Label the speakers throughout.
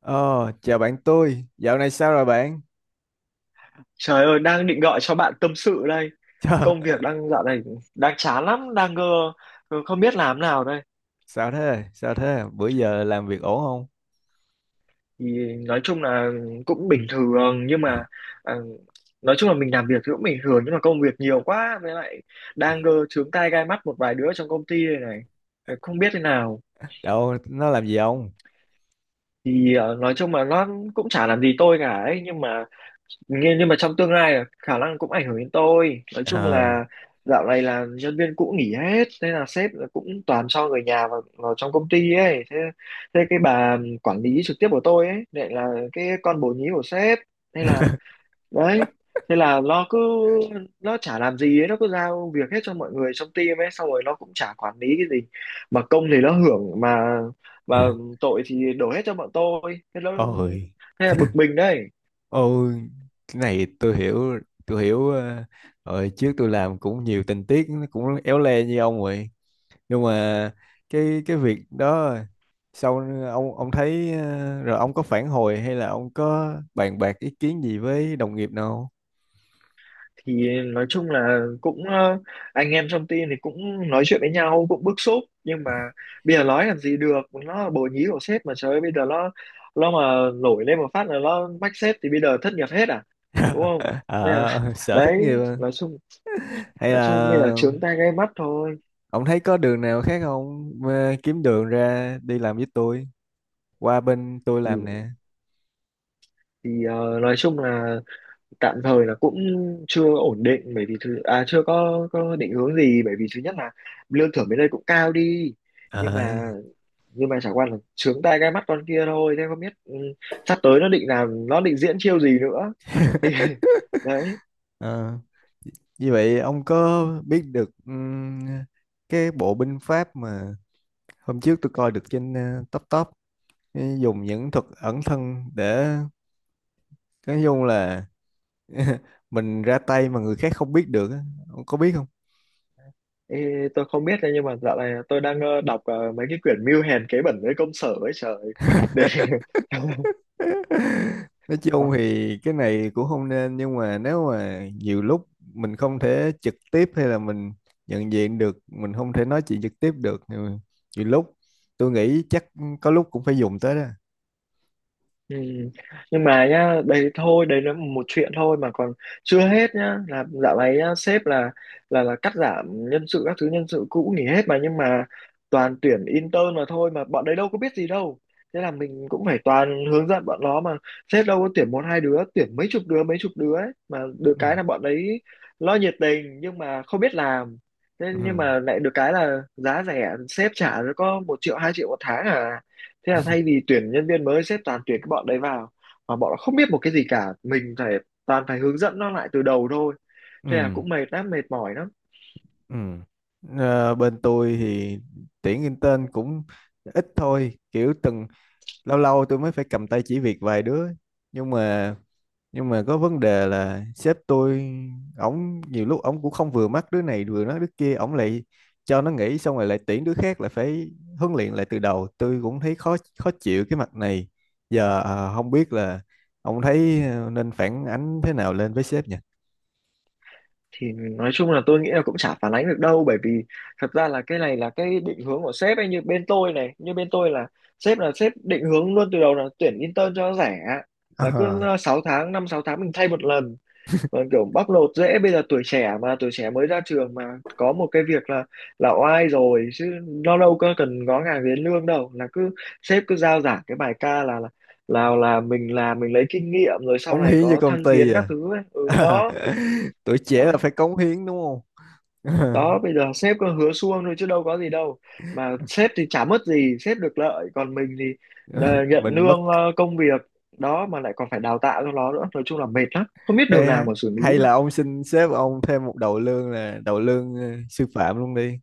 Speaker 1: Ờ, chào bạn tôi. Dạo này sao rồi bạn?
Speaker 2: Trời ơi, đang định gọi cho bạn tâm sự đây.
Speaker 1: Chà,
Speaker 2: Công việc dạo này đang chán lắm, không biết làm nào đây.
Speaker 1: sao thế? Sao thế? Bữa giờ làm việc ổn không?
Speaker 2: Thì nói chung là cũng bình thường nhưng mà à, nói chung là mình làm việc thì cũng bình thường nhưng mà công việc nhiều quá với lại đang chướng tai gai mắt một vài đứa trong công ty này này. Không biết thế nào.
Speaker 1: Đâu, nó làm gì không?
Speaker 2: Thì nói chung là nó cũng chả làm gì tôi cả ấy, nhưng mà nhưng mà trong tương lai là khả năng cũng ảnh hưởng đến tôi. Nói chung
Speaker 1: Ờ.
Speaker 2: là dạo này là nhân viên cũ nghỉ hết, thế là sếp là cũng toàn cho người nhà vào, trong công ty ấy. Thế, cái bà quản lý trực tiếp của tôi ấy lại là cái con bồ nhí của sếp. Thế là đấy, thế là nó chả làm gì ấy, nó cứ giao việc hết cho mọi người trong team ấy, xong rồi nó cũng chả quản lý cái gì, mà công thì nó hưởng, mà tội thì đổ hết cho bọn tôi. Thế nó,
Speaker 1: Ôi,
Speaker 2: thế là bực mình đấy.
Speaker 1: ôi, cái này tôi hiểu. Ờ, Rồi trước tôi làm cũng nhiều tình tiết nó cũng éo le như ông vậy. Nhưng mà cái việc đó sau ông thấy rồi ông có phản hồi hay là ông có bàn bạc ý kiến gì với đồng nghiệp nào?
Speaker 2: Thì nói chung là cũng anh em trong team thì cũng nói chuyện với nhau cũng bức xúc, nhưng mà bây giờ nói làm gì được, nó là bồ nhí của sếp mà. Trời ơi, bây giờ nó mà nổi lên một phát là nó mách sếp thì bây giờ thất nghiệp hết à, đúng không. Nên là,
Speaker 1: À, sở thất
Speaker 2: đấy,
Speaker 1: nghiệp.
Speaker 2: nói chung
Speaker 1: Hay
Speaker 2: nói chung bây giờ
Speaker 1: là
Speaker 2: trướng tai gai mắt thôi.
Speaker 1: ông thấy có đường nào khác không? Ờ, Kiếm đường ra đi làm với tôi, qua bên tôi
Speaker 2: thì,
Speaker 1: làm nè.
Speaker 2: nói chung là tạm thời là cũng chưa ổn định, bởi vì thứ à chưa có định hướng gì, bởi vì thứ nhất là lương thưởng bên đây cũng cao đi, nhưng
Speaker 1: Ờ.
Speaker 2: mà chẳng qua là trướng tai gai mắt con kia thôi, thế không biết sắp tới nó định diễn chiêu gì nữa thì đấy.
Speaker 1: Ờ, như vậy ông có biết được cái bộ binh pháp mà hôm trước tôi coi được trên top top, dùng những thuật ẩn thân để nói chung là mình ra tay mà người khác không biết được á. Ông có biết không?
Speaker 2: Thì tôi không biết đấy, nhưng mà dạo này tôi đang đọc mấy cái quyển mưu hèn kế bẩn với công sở ấy, trời, để
Speaker 1: Nói chung thì cái này cũng không nên, nhưng mà nếu mà nhiều lúc mình không thể trực tiếp hay là mình nhận diện được mình không thể nói chuyện trực tiếp được thì nhiều lúc tôi nghĩ chắc có lúc cũng phải dùng tới đó.
Speaker 2: Ừ. Nhưng mà nhá, đấy thôi, đấy là một chuyện thôi mà còn chưa hết nhá, là dạo này nhá, sếp là cắt giảm nhân sự các thứ, nhân sự cũ nghỉ hết mà, nhưng mà toàn tuyển intern mà thôi, mà bọn đấy đâu có biết gì đâu. Thế là mình cũng phải toàn hướng dẫn bọn nó, mà sếp đâu có tuyển một hai đứa, tuyển mấy chục đứa ấy mà. Được
Speaker 1: Ừ.
Speaker 2: cái là bọn đấy lo nhiệt tình nhưng mà không biết làm. Thế nhưng
Speaker 1: Ừ.
Speaker 2: mà lại được cái là giá rẻ, sếp trả có 1 triệu 2 triệu một tháng à, thế là thay vì tuyển nhân viên mới sếp toàn tuyển cái bọn đấy vào, mà bọn nó không biết một cái gì cả, mình phải toàn phải hướng dẫn nó lại từ đầu thôi. Thế là
Speaker 1: Ừ.
Speaker 2: cũng mệt lắm, mệt mỏi lắm.
Speaker 1: Ừ. Ờ, bên tôi thì tuyển intern cũng ít thôi, kiểu từng lâu lâu tôi mới phải cầm tay chỉ việc vài đứa, nhưng mà nhưng mà có vấn đề là sếp tôi, ổng nhiều lúc ổng cũng không vừa mắt đứa này vừa nói đứa kia, ổng lại cho nó nghỉ xong rồi lại tuyển đứa khác, lại phải huấn luyện lại từ đầu, tôi cũng thấy khó khó chịu cái mặt này giờ. Không biết là ông thấy nên phản ánh thế nào lên với sếp nhỉ?
Speaker 2: Thì nói chung là tôi nghĩ là cũng chả phản ánh được đâu, bởi vì thật ra là cái này là cái định hướng của sếp ấy. Như bên tôi này, như bên tôi là sếp định hướng luôn từ đầu là tuyển intern cho nó rẻ, là cứ
Speaker 1: À,
Speaker 2: 6 tháng 5-6 tháng mình thay một lần. Vâng, kiểu bóc lột dễ. Bây giờ tuổi trẻ mà, tuổi trẻ mới ra trường mà có một cái việc là oai rồi chứ, nó đâu có cần ngó ngàng đến lương đâu, là cứ sếp cứ giao giảng cái bài ca là là mình làm mình lấy kinh nghiệm rồi sau
Speaker 1: cống
Speaker 2: này
Speaker 1: hiến cho
Speaker 2: có
Speaker 1: công
Speaker 2: thăng tiến
Speaker 1: ty
Speaker 2: các
Speaker 1: à,
Speaker 2: thứ ấy. Ừ đó
Speaker 1: tuổi trẻ
Speaker 2: đó
Speaker 1: là phải cống hiến đúng không?
Speaker 2: đó bây giờ sếp cứ hứa suông thôi chứ đâu có gì đâu, mà sếp thì chả mất gì, sếp được lợi, còn mình thì nhận
Speaker 1: Mình mất.
Speaker 2: lương công việc đó, mà lại còn phải đào tạo cho nó nữa. Nói chung là mệt lắm, không biết đường nào
Speaker 1: Ê,
Speaker 2: mà xử lý
Speaker 1: hay
Speaker 2: thôi.
Speaker 1: là ông xin sếp ông thêm một đầu lương, là đầu lương sư phạm luôn đi.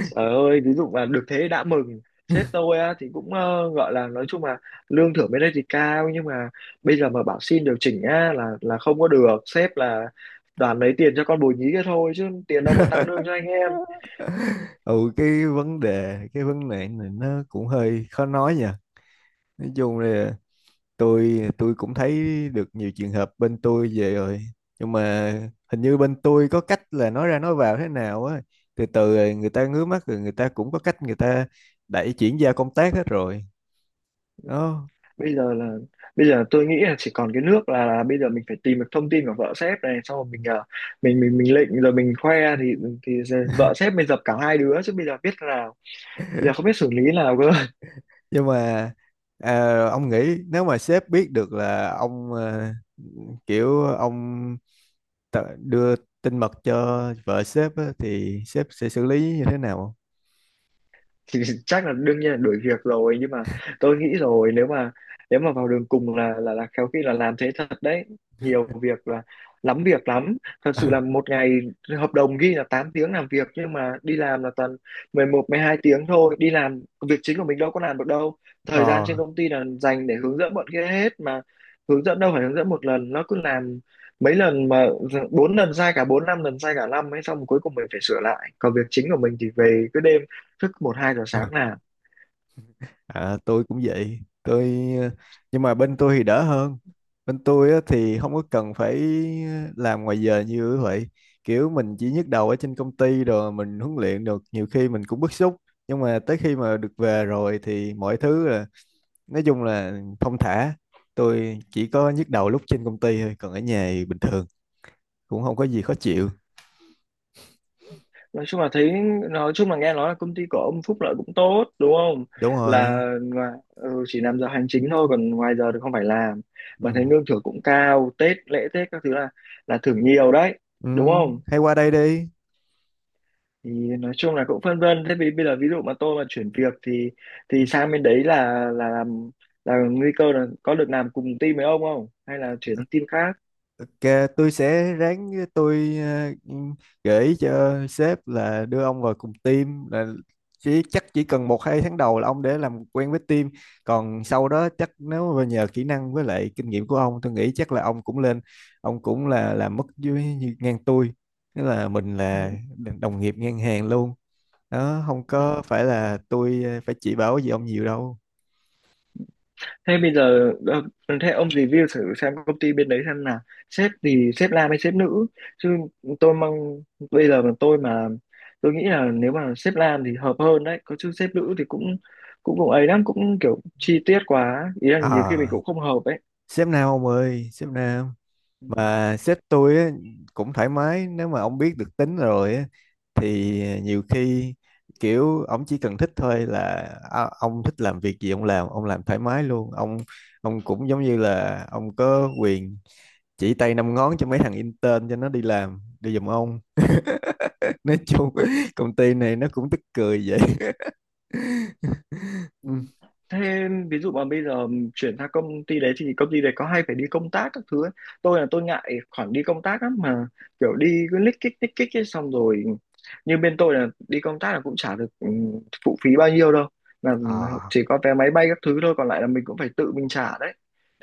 Speaker 2: Trời ơi, ví dụ mà được thế đã mừng. Sếp tôi á, thì cũng gọi là nói chung là lương thưởng bên đây thì cao, nhưng mà bây giờ mà bảo xin điều chỉnh á là không có được. Sếp là toàn lấy tiền cho con bồ nhí kia thôi chứ tiền đâu mà tăng lương cho anh em.
Speaker 1: Ừ, cái vấn đề này nó cũng hơi khó nói nha. Nói chung là tôi cũng thấy được nhiều trường hợp bên tôi về rồi, nhưng mà hình như bên tôi có cách là nói ra nói vào thế nào á, từ từ rồi người ta ngứa mắt rồi, người ta cũng có cách, người ta đẩy chuyển giao công tác hết rồi đó.
Speaker 2: Bây giờ là bây giờ tôi nghĩ là chỉ còn cái nước là, bây giờ mình phải tìm được thông tin của vợ sếp này, xong rồi mình mình lịnh rồi mình khoe thì thì vợ sếp mình dập cả hai đứa, chứ bây giờ biết thế nào. Bây giờ không biết xử lý nào cơ.
Speaker 1: Nhưng mà, à, ông nghĩ nếu mà sếp biết được là ông, kiểu ông tự đưa tin mật cho vợ sếp á, thì sếp sẽ xử lý như thế nào?
Speaker 2: Thì chắc là đương nhiên là đuổi việc rồi, nhưng mà tôi nghĩ rồi, nếu mà vào đường cùng là khéo khi là làm thế thật đấy. Nhiều việc là, lắm việc lắm. Thật sự
Speaker 1: Không?
Speaker 2: là một ngày hợp đồng ghi là 8 tiếng làm việc, nhưng mà đi làm là toàn 11-12 tiếng thôi. Đi làm việc chính của mình đâu có làm được đâu, thời gian
Speaker 1: Ờ,
Speaker 2: trên công ty là dành để hướng dẫn bọn kia hết mà. Hướng dẫn đâu phải hướng dẫn một lần, nó cứ làm mấy lần mà, bốn lần sai cả bốn, năm lần sai cả năm ấy, xong cuối cùng mình phải sửa lại, còn việc chính của mình thì về cứ đêm thức một hai giờ sáng làm.
Speaker 1: à, tôi cũng vậy. Tôi, ờ, nhưng mà bên tôi thì đỡ hơn. Bên tôi á, thì không có cần phải làm ngoài giờ như vậy. Kiểu mình chỉ nhức đầu ở trên công ty rồi mình huấn luyện được nhiều khi mình cũng bức xúc. Nhưng mà tới khi mà được về rồi thì mọi thứ là nói chung là thong thả. Tôi chỉ có nhức đầu lúc trên công ty thôi, còn ở nhà thì bình thường cũng không có gì khó chịu.
Speaker 2: Nói chung là thấy, nói chung là nghe nói là công ty của ông Phúc lợi cũng tốt, đúng không,
Speaker 1: Đúng rồi.
Speaker 2: là ngoài, ừ, chỉ làm giờ hành chính thôi còn ngoài giờ thì không phải làm,
Speaker 1: Ừ.
Speaker 2: mà thấy lương thưởng cũng cao, Tết lễ Tết các thứ là thưởng nhiều đấy,
Speaker 1: Ừ.
Speaker 2: đúng không.
Speaker 1: Hay qua đây đi. Ừ.
Speaker 2: Thì nói chung là cũng phân vân, thế vì bây giờ ví dụ mà tôi mà chuyển việc thì sang bên đấy là làm là nguy cơ là có được làm cùng team với ông không, hay là chuyển sang team khác.
Speaker 1: Ok, tôi sẽ ráng tôi gợi ý cho sếp là đưa ông vào cùng team, là chắc chỉ cần một hai tháng đầu là ông để làm quen với team, còn sau đó chắc nếu mà nhờ kỹ năng với lại kinh nghiệm của ông, tôi nghĩ chắc là ông cũng lên, ông cũng là làm mức dưới ngang tôi, nghĩa là mình
Speaker 2: Ừ.
Speaker 1: là đồng nghiệp ngang hàng luôn đó, không
Speaker 2: Ừ.
Speaker 1: có phải là tôi phải chỉ bảo gì ông nhiều đâu.
Speaker 2: Thế bây giờ thế ông review thử xem công ty bên đấy, xem là sếp thì sếp nam hay sếp nữ chứ. Tôi mong bây giờ mà tôi mà, tôi nghĩ là nếu mà sếp nam thì hợp hơn đấy có chứ, sếp nữ thì cũng cũng cũng ấy lắm, cũng kiểu chi tiết quá ý là nhiều khi mình
Speaker 1: À,
Speaker 2: cũng không hợp ấy.
Speaker 1: sếp Nam ông ơi, sếp Nam.
Speaker 2: Ừ.
Speaker 1: Mà sếp tôi á, cũng thoải mái, nếu mà ông biết được tính rồi á, thì nhiều khi kiểu ông chỉ cần thích thôi là, à, ông thích làm việc gì ông làm, ông làm thoải mái luôn, ông cũng giống như là ông có quyền chỉ tay năm ngón cho mấy thằng intern cho nó đi làm đi giùm ông. Nói chung công ty này nó cũng tức cười vậy.
Speaker 2: Ừ.
Speaker 1: Ừ.
Speaker 2: Thế ví dụ mà bây giờ chuyển sang công ty đấy thì công ty đấy có hay phải đi công tác các thứ ấy. Tôi là tôi ngại khoản đi công tác lắm, mà kiểu đi cứ lích kích ấy, xong rồi như bên tôi là đi công tác là cũng chả được phụ phí bao nhiêu đâu, là
Speaker 1: à,
Speaker 2: chỉ có vé máy bay các thứ thôi, còn lại là mình cũng phải tự mình trả đấy.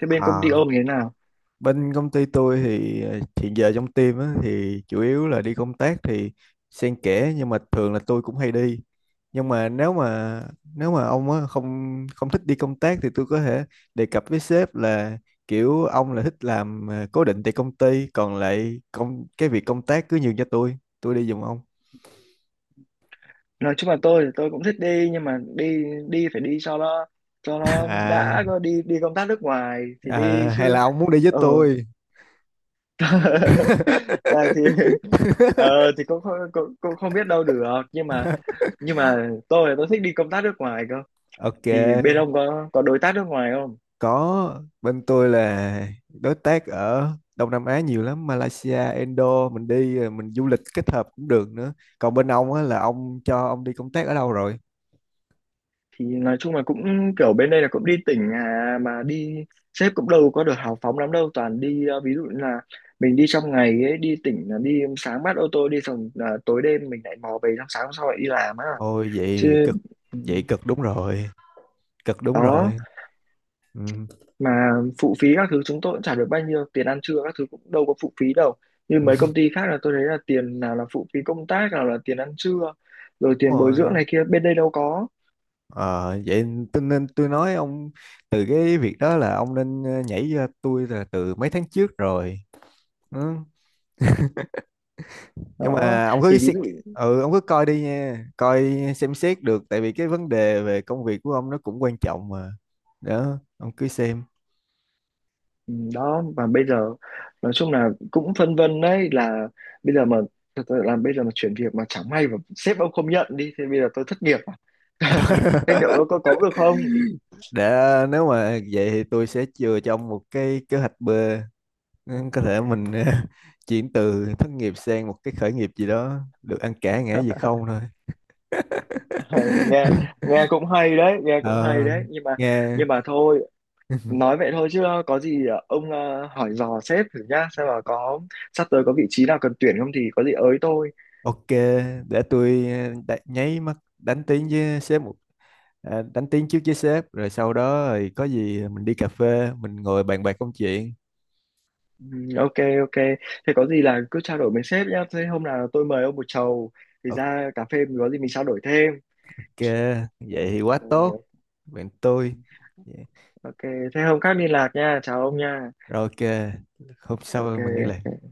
Speaker 2: Thế bên công ty
Speaker 1: à.
Speaker 2: ông như thế nào.
Speaker 1: Bên công ty tôi thì hiện giờ trong team á, thì chủ yếu là đi công tác thì xen kẽ, nhưng mà thường là tôi cũng hay đi. Nhưng mà nếu mà ông á, không không thích đi công tác thì tôi có thể đề cập với sếp là kiểu ông là thích làm cố định tại công ty, còn lại công cái việc công tác cứ nhường cho tôi đi giùm ông.
Speaker 2: Nói chung là tôi thì tôi cũng thích đi, nhưng mà đi, phải đi cho nó,
Speaker 1: À,
Speaker 2: đã, có đi đi công tác nước ngoài thì
Speaker 1: à,
Speaker 2: đi chứ.
Speaker 1: hay là ông muốn đi với
Speaker 2: Ờ,
Speaker 1: tôi?
Speaker 2: này thì thì cũng, cũng cũng không biết đâu được, nhưng mà tôi thích đi công tác nước ngoài cơ.
Speaker 1: Ok.
Speaker 2: Thì bên ông có đối tác nước ngoài không.
Speaker 1: Có, bên tôi là đối tác ở Đông Nam Á nhiều lắm, Malaysia, Indo, mình đi rồi mình du lịch kết hợp cũng được nữa. Còn bên ông á là ông cho ông đi công tác ở đâu rồi?
Speaker 2: Thì nói chung là cũng kiểu bên đây là cũng đi tỉnh à, mà đi sếp cũng đâu có được hào phóng lắm đâu, toàn đi ví dụ như là mình đi trong ngày ấy, đi tỉnh là đi sáng bắt ô tô đi, xong là tối đêm mình lại mò về, xong sáng hôm sau lại đi làm á,
Speaker 1: Ôi
Speaker 2: chứ ừ,
Speaker 1: vậy cực đúng rồi, cực đúng
Speaker 2: đó.
Speaker 1: rồi. Ừ.
Speaker 2: Mà phụ phí các thứ chúng tôi cũng trả được bao nhiêu, tiền ăn trưa các thứ cũng đâu có phụ phí đâu, như mấy công ty khác là tôi thấy là tiền nào là phụ phí công tác, nào là tiền ăn trưa, rồi
Speaker 1: Đúng
Speaker 2: tiền bồi dưỡng
Speaker 1: rồi.
Speaker 2: này kia, bên đây đâu có.
Speaker 1: Ờ, vậy tôi nên tôi nói ông, từ cái việc đó là ông nên nhảy ra tôi là từ mấy tháng trước rồi. Ừ. Nhưng
Speaker 2: Đó
Speaker 1: mà
Speaker 2: thì ví dụ,
Speaker 1: ừ ông cứ coi đi nha, coi xem xét được, tại vì cái vấn đề về công việc của ông nó cũng quan trọng mà, đó ông cứ xem.
Speaker 2: ừ, đó, và bây giờ nói chung là cũng phân vân đấy, là bây giờ mà, thật sự là bây giờ mà chuyển việc mà chẳng may mà sếp ông không nhận đi thì bây giờ tôi thất nghiệp à? Thế liệu có cấu được không.
Speaker 1: Để, nếu mà vậy thì tôi sẽ chừa cho ông một cái kế hoạch B. Ừ, có thể mình chuyển từ thất nghiệp sang một cái khởi nghiệp gì đó, được ăn cả ngã về không thôi.
Speaker 2: Nghe, cũng hay đấy, nghe cũng hay
Speaker 1: Ờ,
Speaker 2: đấy, nhưng mà
Speaker 1: nghe.
Speaker 2: thôi, nói vậy thôi, chứ có gì ông hỏi dò sếp thử nhá, xem là có sắp tới có vị trí nào cần tuyển không thì có gì ới tôi.
Speaker 1: Ok, để tôi nháy mắt đánh tiếng với sếp một, à, đánh tiếng trước với sếp rồi sau đó rồi có gì mình đi cà phê mình ngồi bàn bạc công chuyện.
Speaker 2: Ừ, ok. Ok, thế có gì là cứ trao đổi với sếp nhá. Thế hôm nào tôi mời ông một chầu, thì
Speaker 1: Ok,
Speaker 2: ra cà phê mình có gì mình trao đổi thêm.
Speaker 1: vậy thì quá tốt
Speaker 2: Ok.
Speaker 1: bạn tôi. Dạ.
Speaker 2: Ok. Thế hôm khác liên lạc nha, chào ông nha.
Speaker 1: Rồi ok, hôm
Speaker 2: Ok.
Speaker 1: sau mình liên lạc.
Speaker 2: Ok.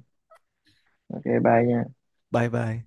Speaker 2: Ok, bye nha.
Speaker 1: Bye bye.